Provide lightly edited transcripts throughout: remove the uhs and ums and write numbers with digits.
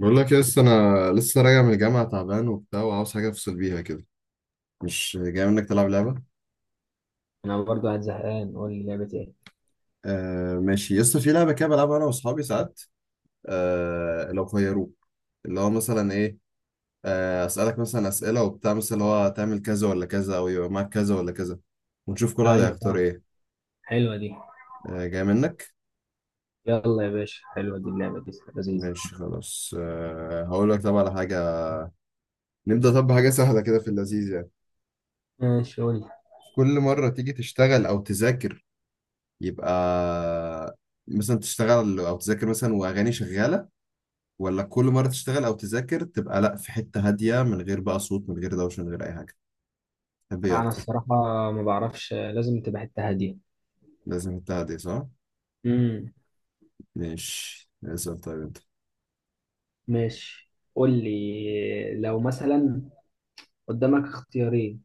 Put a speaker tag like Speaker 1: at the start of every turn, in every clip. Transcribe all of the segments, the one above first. Speaker 1: بقول لك لسه انا راجع من الجامعه تعبان وبتاع وعاوز حاجه افصل بيها كده. مش جاي منك تلعب لعبه؟
Speaker 2: انا برضو قاعد زهقان، قول لي لعبة ايه.
Speaker 1: آه ماشي، لسه في لعبه كده بلعبها انا واصحابي ساعات. آه، لو خيروك. اللي هو مثلا ايه؟ آه اسالك مثلا اسئله وبتاع، مثلا اللي هو تعمل كذا ولا كذا، او يبقى معاك كذا ولا كذا، ونشوف كل واحد
Speaker 2: ايوه
Speaker 1: هيختار
Speaker 2: فاهم،
Speaker 1: ايه.
Speaker 2: حلوة دي.
Speaker 1: آه جاي منك.
Speaker 2: يلا يا باشا، حلوة دي اللعبة دي لذيذة.
Speaker 1: ماشي خلاص، آه هقول لك، طب على حاجه نبدا، طب بحاجه سهله كده في اللذيذ يعني.
Speaker 2: ماشي قول لي.
Speaker 1: كل مره تيجي تشتغل او تذاكر يبقى مثلا تشتغل او تذاكر مثلا واغاني شغاله، ولا كل مره تشتغل او تذاكر تبقى لا في حته هاديه، من غير بقى صوت، من غير دوشه، من غير اي حاجه. تحب ايه
Speaker 2: انا
Speaker 1: اكتر؟
Speaker 2: الصراحة ما بعرفش، لازم تبقى حتة هادية.
Speaker 1: لازم حته هاديه، صح؟
Speaker 2: امم
Speaker 1: ماشي، اسال طيب انت.
Speaker 2: ماشي قول لي، لو مثلا قدامك اختيارين،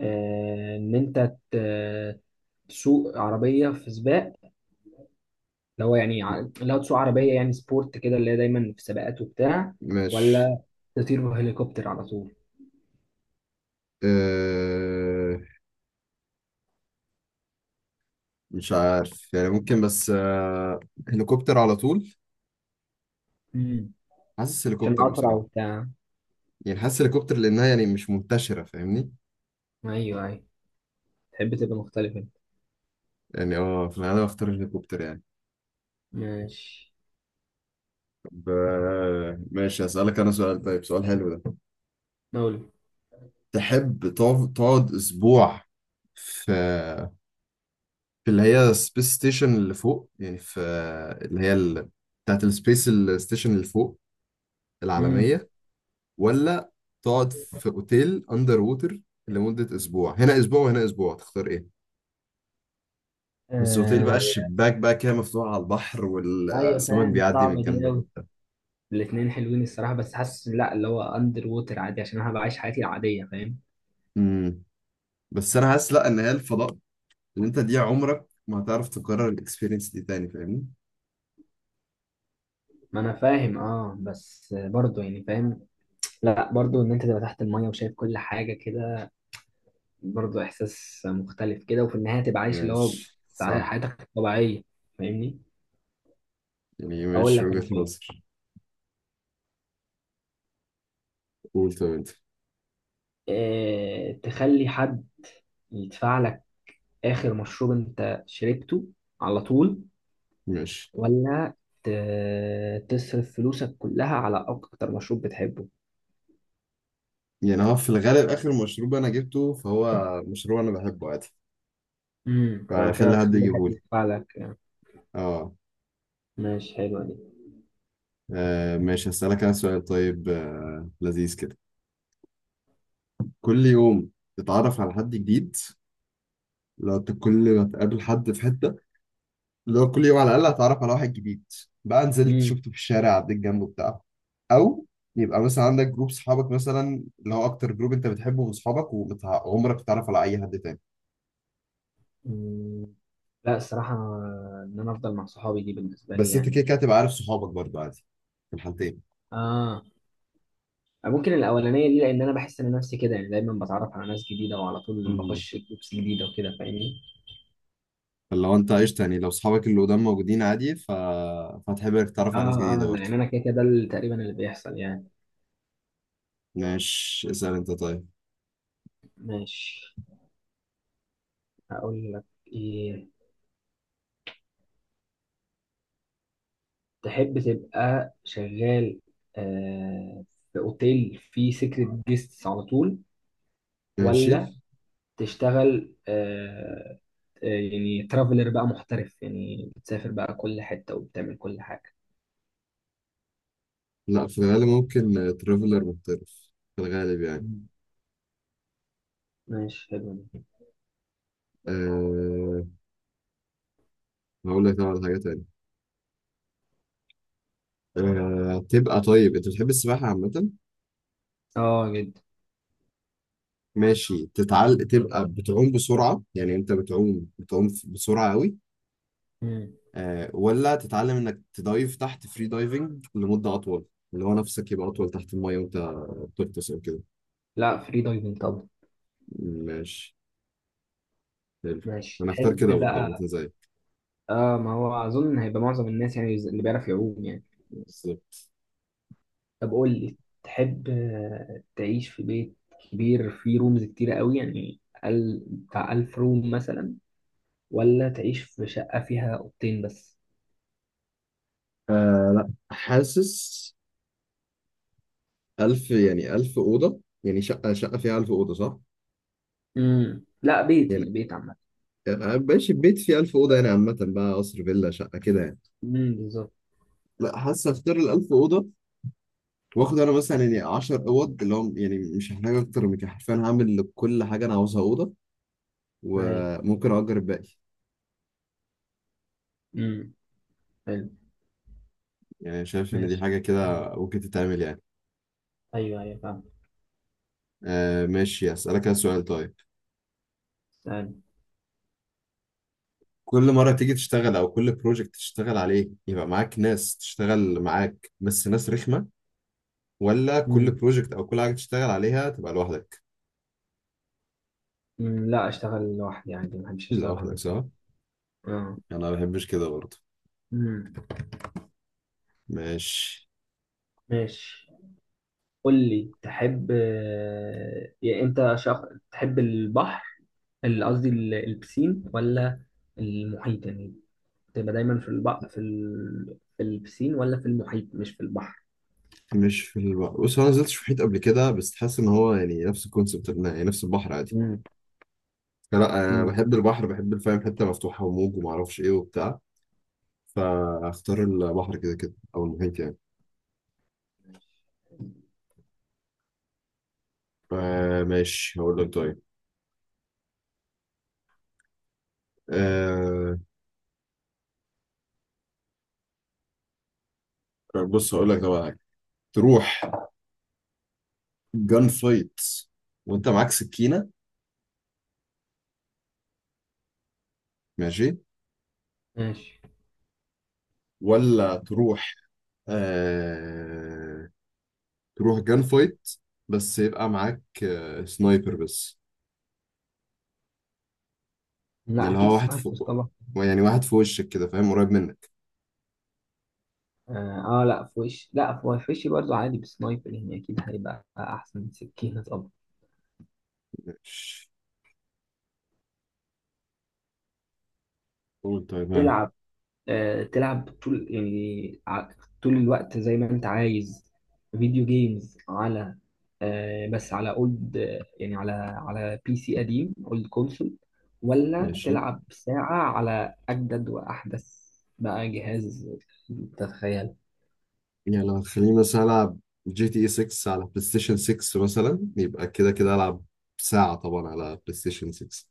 Speaker 2: ان انت ت- تسوق عربية في سباق، اللي هو يعني اللي هو تسوق عربية يعني سبورت كده اللي هي دايما في سباقات وبتاع،
Speaker 1: ماشي.
Speaker 2: ولا تطير بهليكوبتر على طول.
Speaker 1: أه... مش عارف يعني، ممكن بس هليكوبتر على طول.
Speaker 2: امم
Speaker 1: حاسس
Speaker 2: عشان
Speaker 1: هليكوبتر
Speaker 2: اسرع
Speaker 1: بصراحه،
Speaker 2: وبتاع.
Speaker 1: يعني حاسس هليكوبتر لانها يعني مش منتشره، فاهمني؟
Speaker 2: ايوه ايوه، تحب تبقى مختلف انت.
Speaker 1: يعني اه في الغالب اختار الهليكوبتر يعني.
Speaker 2: ماشي.
Speaker 1: ب... ماشي اسالك انا سؤال طيب، سؤال حلو ده.
Speaker 2: مولد.
Speaker 1: تحب تقعد اسبوع في في اللي هي سبيس ستيشن اللي فوق، يعني في اللي هي بتاعت السبيس ستيشن اللي فوق
Speaker 2: امم
Speaker 1: العالمية، ولا تقعد في اوتيل اندر ووتر لمدة اسبوع، هنا اسبوع وهنا اسبوع، تختار ايه؟ بس اوتيل بقى
Speaker 2: آه
Speaker 1: الشباك بقى كده مفتوح على البحر
Speaker 2: ايوه
Speaker 1: والسمك
Speaker 2: فاهم،
Speaker 1: بيعدي من
Speaker 2: صعبه دي
Speaker 1: جنبك
Speaker 2: قوي.
Speaker 1: وبتاع.
Speaker 2: الاثنين حلوين الصراحه، بس حاسس لا، اللي هو اندر ووتر عادي عشان انا هبقى عايش حياتي العاديه فاهم.
Speaker 1: امم، بس انا حاسس لا، ان هي الفضاء اللي انت دي عمرك ما هتعرف تكرر الاكسبيرينس دي تاني، فاهمني؟
Speaker 2: ما انا فاهم اه، بس برضه يعني فاهم، لا برضه ان انت تبقى تحت الميه وشايف كل حاجه كده، برضه احساس مختلف كده، وفي النهايه تبقى عايش اللي هو
Speaker 1: ماشي
Speaker 2: بتاع
Speaker 1: صح.
Speaker 2: حياتك الطبيعيه فاهمني.
Speaker 1: يعني
Speaker 2: اقول
Speaker 1: ماشي
Speaker 2: لك انا
Speaker 1: وجهة
Speaker 2: طيب،
Speaker 1: نظر. قول طب انت.
Speaker 2: تخلي حد يدفع لك اخر مشروب انت شربته على طول،
Speaker 1: ماشي.
Speaker 2: ولا تصرف فلوسك كلها على أكتر مشروب بتحبه.
Speaker 1: يعني هو في الغالب آخر مشروب أنا جبته فهو مشروب أنا بحبه عادي،
Speaker 2: فكده
Speaker 1: فخلي حد
Speaker 2: هتخلي حد
Speaker 1: يجيبهولي.
Speaker 2: يدفع لك يعني.
Speaker 1: اه.
Speaker 2: ماشي حلوة دي.
Speaker 1: آه ماشي، هسألك أنا سؤال طيب، آه لذيذ كده. كل يوم تتعرف على حد جديد، لو انت كل ما تقابل حد في حتة، لو كل يوم على الأقل هتعرف على واحد جديد، بقى نزلت
Speaker 2: امم
Speaker 1: شفته في الشارع عديت جنبه بتاع أو يبقى مثلا عندك جروب صحابك، مثلا اللي هو أكتر جروب أنت بتحبه من صحابك، وعمرك تتعرف على أي حد تاني.
Speaker 2: مم، لا الصراحة إن أنا أفضل مع صحابي دي بالنسبة لي
Speaker 1: بس انت كده كده
Speaker 2: يعني.
Speaker 1: هتبقى عارف صحابك برضه عادي في الحالتين.
Speaker 2: اه، ممكن الأولانية دي لأن أنا بحس إن نفسي كده يعني دايما بتعرف على ناس جديدة وعلى طول
Speaker 1: امم،
Speaker 2: بخش جروبس جديدة وكده فاهمني.
Speaker 1: فلو انت قشطة، يعني لو صحابك اللي قدام موجودين عادي، فهتحب انك تتعرف على ناس
Speaker 2: آه آه
Speaker 1: جديدة
Speaker 2: لا
Speaker 1: برضه.
Speaker 2: يعني أنا كده كده ده تقريبا اللي بيحصل يعني.
Speaker 1: ماشي اسأل انت طيب.
Speaker 2: ماشي هقول لك، إيه، تحب تبقى شغال آه، في اوتيل فيه سيكريت جيستس على طول،
Speaker 1: ماشي.
Speaker 2: ولا تشتغل، يعني ترافلر بقى محترف يعني بتسافر بقى كل حتة وبتعمل كل حاجة.
Speaker 1: لا في الغالب ممكن ترافلر محترف في الغالب يعني.
Speaker 2: مم. ماشي حلو دي.
Speaker 1: أه... هقول لك طبعا حاجة تانية. تبقى طيب، انت بتحب السباحة عامة؟
Speaker 2: اه جدا.
Speaker 1: ماشي. تتعل تبقى بتعوم بسرعة، يعني انت بتعوم بتعوم بسرعة قوي،
Speaker 2: مم.
Speaker 1: آه، ولا تتعلم انك تدايف تحت فري دايفنج لمدة اطول، اللي هو نفسك يبقى اطول تحت المية وانت بتغطس او كده.
Speaker 2: لا فري دايفنج طبعا.
Speaker 1: ماشي حلو.
Speaker 2: ماشي
Speaker 1: انا اختار
Speaker 2: تحب
Speaker 1: كده برضه عامة
Speaker 2: بقى.
Speaker 1: زيك.
Speaker 2: اه ما هو اظن هيبقى معظم الناس يعني اللي بيعرف يعوم يعني.
Speaker 1: بالظبط.
Speaker 2: طب قول لي، تحب تعيش في بيت كبير فيه رومز كتيرة قوي يعني بتاع ألف روم مثلا، ولا تعيش في شقة فيها أوضتين بس؟
Speaker 1: آه لا حاسس، ألف، يعني ألف أوضة، يعني شقة فيها ألف أوضة، صح؟
Speaker 2: لا بيت يعني
Speaker 1: يعني
Speaker 2: بيت عامة.
Speaker 1: آه، آه ماشي، بيت فيه ألف أوضة يعني عامة بقى قصر، فيلا، شقة كده يعني.
Speaker 2: بالظبط.
Speaker 1: لا حاسس أختار الألف أوضة. واخد انا مثلا يعني 10 اوض اللي هم، يعني مش هحتاج اكتر من كده حرفيا، هعمل لكل حاجه انا عاوزها اوضه
Speaker 2: أيوة.
Speaker 1: وممكن اجر الباقي.
Speaker 2: امم حلو.
Speaker 1: يعني شايف إن دي
Speaker 2: ماشي
Speaker 1: حاجة
Speaker 2: سألني.
Speaker 1: كده ممكن تتعمل يعني.
Speaker 2: أيوه أيوه فاهم.
Speaker 1: آه ماشي، أسألك أنا سؤال طيب.
Speaker 2: سألني.
Speaker 1: كل مرة تيجي تشتغل، أو كل بروجكت تشتغل عليه، يبقى معاك ناس تشتغل معاك بس ناس رخمة، ولا كل
Speaker 2: امم
Speaker 1: بروجكت أو كل حاجة تشتغل عليها تبقى لوحدك؟
Speaker 2: أمم، لا أشتغل لوحدي عندي، ما بحبش أشتغل مع
Speaker 1: لوحدك
Speaker 2: ناس غيري.
Speaker 1: صح؟
Speaker 2: اه.
Speaker 1: أنا ما بحبش كده برضه.
Speaker 2: امم
Speaker 1: ماشي.
Speaker 2: ماشي. قول لي تحب يعني أنت شخص تحب البحر، قصدي البسين ولا المحيط يعني. تبقى دايما في البحر في في البسين ولا في المحيط مش في البحر.
Speaker 1: مش في البحر. بص، هو أنا ما نزلتش في محيط قبل كده، بس حاسس إن هو يعني نفس الكونسيبت، يعني نفس البحر عادي.
Speaker 2: مم.
Speaker 1: لا أنا
Speaker 2: مم.
Speaker 1: بحب البحر، بحب الفاهم حتة مفتوحة وموج ومعرفش إيه وبتاع، فاختار البحر كده كده أو المحيط يعني. آه ماشي هقول لك طيب، آه بص هقول لك طبعا حاجة. تروح جان فايت وانت معاك سكينة، ماشي،
Speaker 2: ماشي.
Speaker 1: ولا تروح، آه تروح جان فايت بس يبقى معاك آه سنايبر بس. يعني
Speaker 2: لا
Speaker 1: اللي هو
Speaker 2: اكيد
Speaker 1: واحد
Speaker 2: سنايبر
Speaker 1: فوق،
Speaker 2: طبعا.
Speaker 1: يعني واحد في وشك كده، فاهم؟ قريب منك.
Speaker 2: اه لا في وش، لا في وشي برضه عادي بسنايبر، يعني اكيد هيبقى احسن من سكينة طبعا.
Speaker 1: ماشي قول طيب، ها.
Speaker 2: تلعب تلعب طول يعني طول الوقت زي ما انت عايز فيديو جيمز على بس على اولد يعني على على بي سي قديم اولد كونسول، ولا
Speaker 1: ماشي.
Speaker 2: تلعب ساعة على اجدد واحدث بقى جهاز تتخيل.
Speaker 1: يعني لو خليني مثلا العب جي تي اي 6 على بلاي ستيشن 6 مثلا، يبقى كده كده العب ساعة طبعا على بلاي ستيشن 6.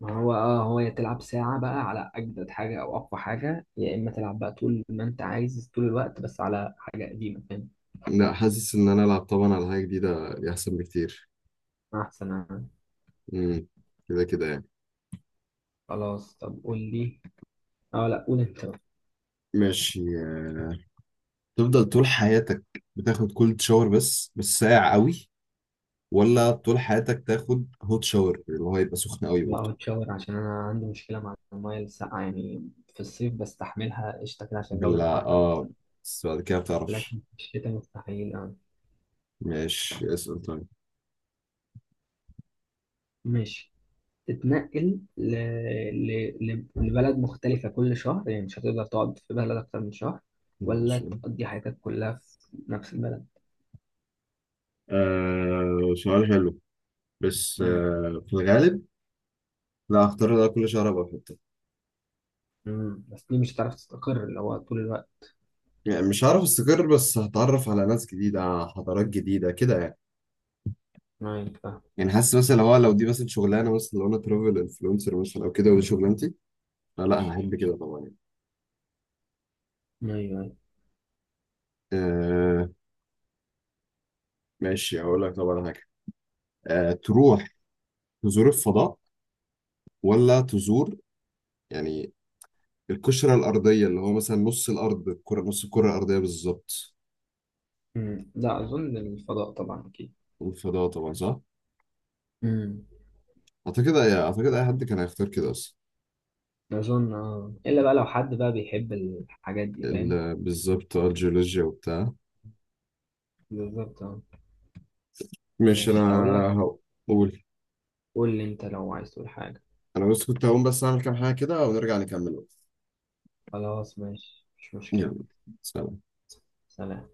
Speaker 2: ما هو اه، هو يا تلعب ساعة بقى على اجدد حاجة او اقوى حاجة، يا اما تلعب بقى طول ما انت عايز طول الوقت بس على حاجة قديمة فاهم.
Speaker 1: لا حاسس ان انا العب طبعا على حاجه جديده احسن بكتير.
Speaker 2: احسن آه.
Speaker 1: امم، كده كده يعني.
Speaker 2: خلاص طب قول لي. اه لا قول انت.
Speaker 1: ماشي آه، تفضل طول حياتك بتاخد كولد شاور بس، بس ساقع قوي، ولا
Speaker 2: بقى.
Speaker 1: طول حياتك تاخد هوت شاور اللي هو يبقى سخن قوي
Speaker 2: لا
Speaker 1: برضه؟
Speaker 2: متشاور عشان انا عندي مشكله مع المايه الساقعه، يعني في الصيف بستحملها قشطه كده عشان الجو
Speaker 1: بالله
Speaker 2: يبقى حر،
Speaker 1: اه،
Speaker 2: لكن
Speaker 1: بس بعد كده
Speaker 2: لكن
Speaker 1: بتعرفش.
Speaker 2: في الشتاء مستحيل اه.
Speaker 1: ماشي اسأل طيب.
Speaker 2: ماشي. تتنقل لبلد مختلفه كل شهر يعني مش هتقدر تقعد في بلد اكتر من شهر، ولا
Speaker 1: ماشي.
Speaker 2: تقضي حياتك كلها في نفس البلد.
Speaker 1: آه سؤال حلو، بس
Speaker 2: امم
Speaker 1: آه في الغالب لا، هختار ده، كل شهر ابقى في حته.
Speaker 2: بس دي مش هتعرف تستقر اللي هو طول الوقت.
Speaker 1: يعني مش هعرف استقر، بس هتعرف على ناس جديده، حضارات جديده كده يعني.
Speaker 2: ايوه فاهم.
Speaker 1: يعني حاسس مثلا، لو دي مثلا شغلانه، مثلا لو انا ترافل انفلونسر مثلا او كده ودي شغلانتي، لا لا هحب كده طبعا يعني.
Speaker 2: ايوه ايوه.
Speaker 1: آه ماشي، هقول لك طبعا حاجه. آه تروح تزور الفضاء، ولا تزور يعني القشره الارضيه، اللي هو مثلا نص الارض، الكره، نص الكره الارضيه بالظبط.
Speaker 2: أمم. لا اظن الفضاء طبعا اكيد.
Speaker 1: الفضاء طبعا صح.
Speaker 2: امم
Speaker 1: اعتقد اي حد كان هيختار كده اصلا.
Speaker 2: اظن اه، الا بقى لو حد بقى بيحب الحاجات دي فاهم.
Speaker 1: بالظبط، آه الجيولوجيا وبتاع.
Speaker 2: بالظبط اه.
Speaker 1: ماشي
Speaker 2: ماشي هقول لك.
Speaker 1: انا. هقول.
Speaker 2: قول لي انت لو عايز تقول حاجة.
Speaker 1: انا بس كنت هقوم بس اعمل كام حاجه كده ونرجع نكمل.
Speaker 2: خلاص ماشي مش مشكلة.
Speaker 1: يلا، سلام.
Speaker 2: سلام.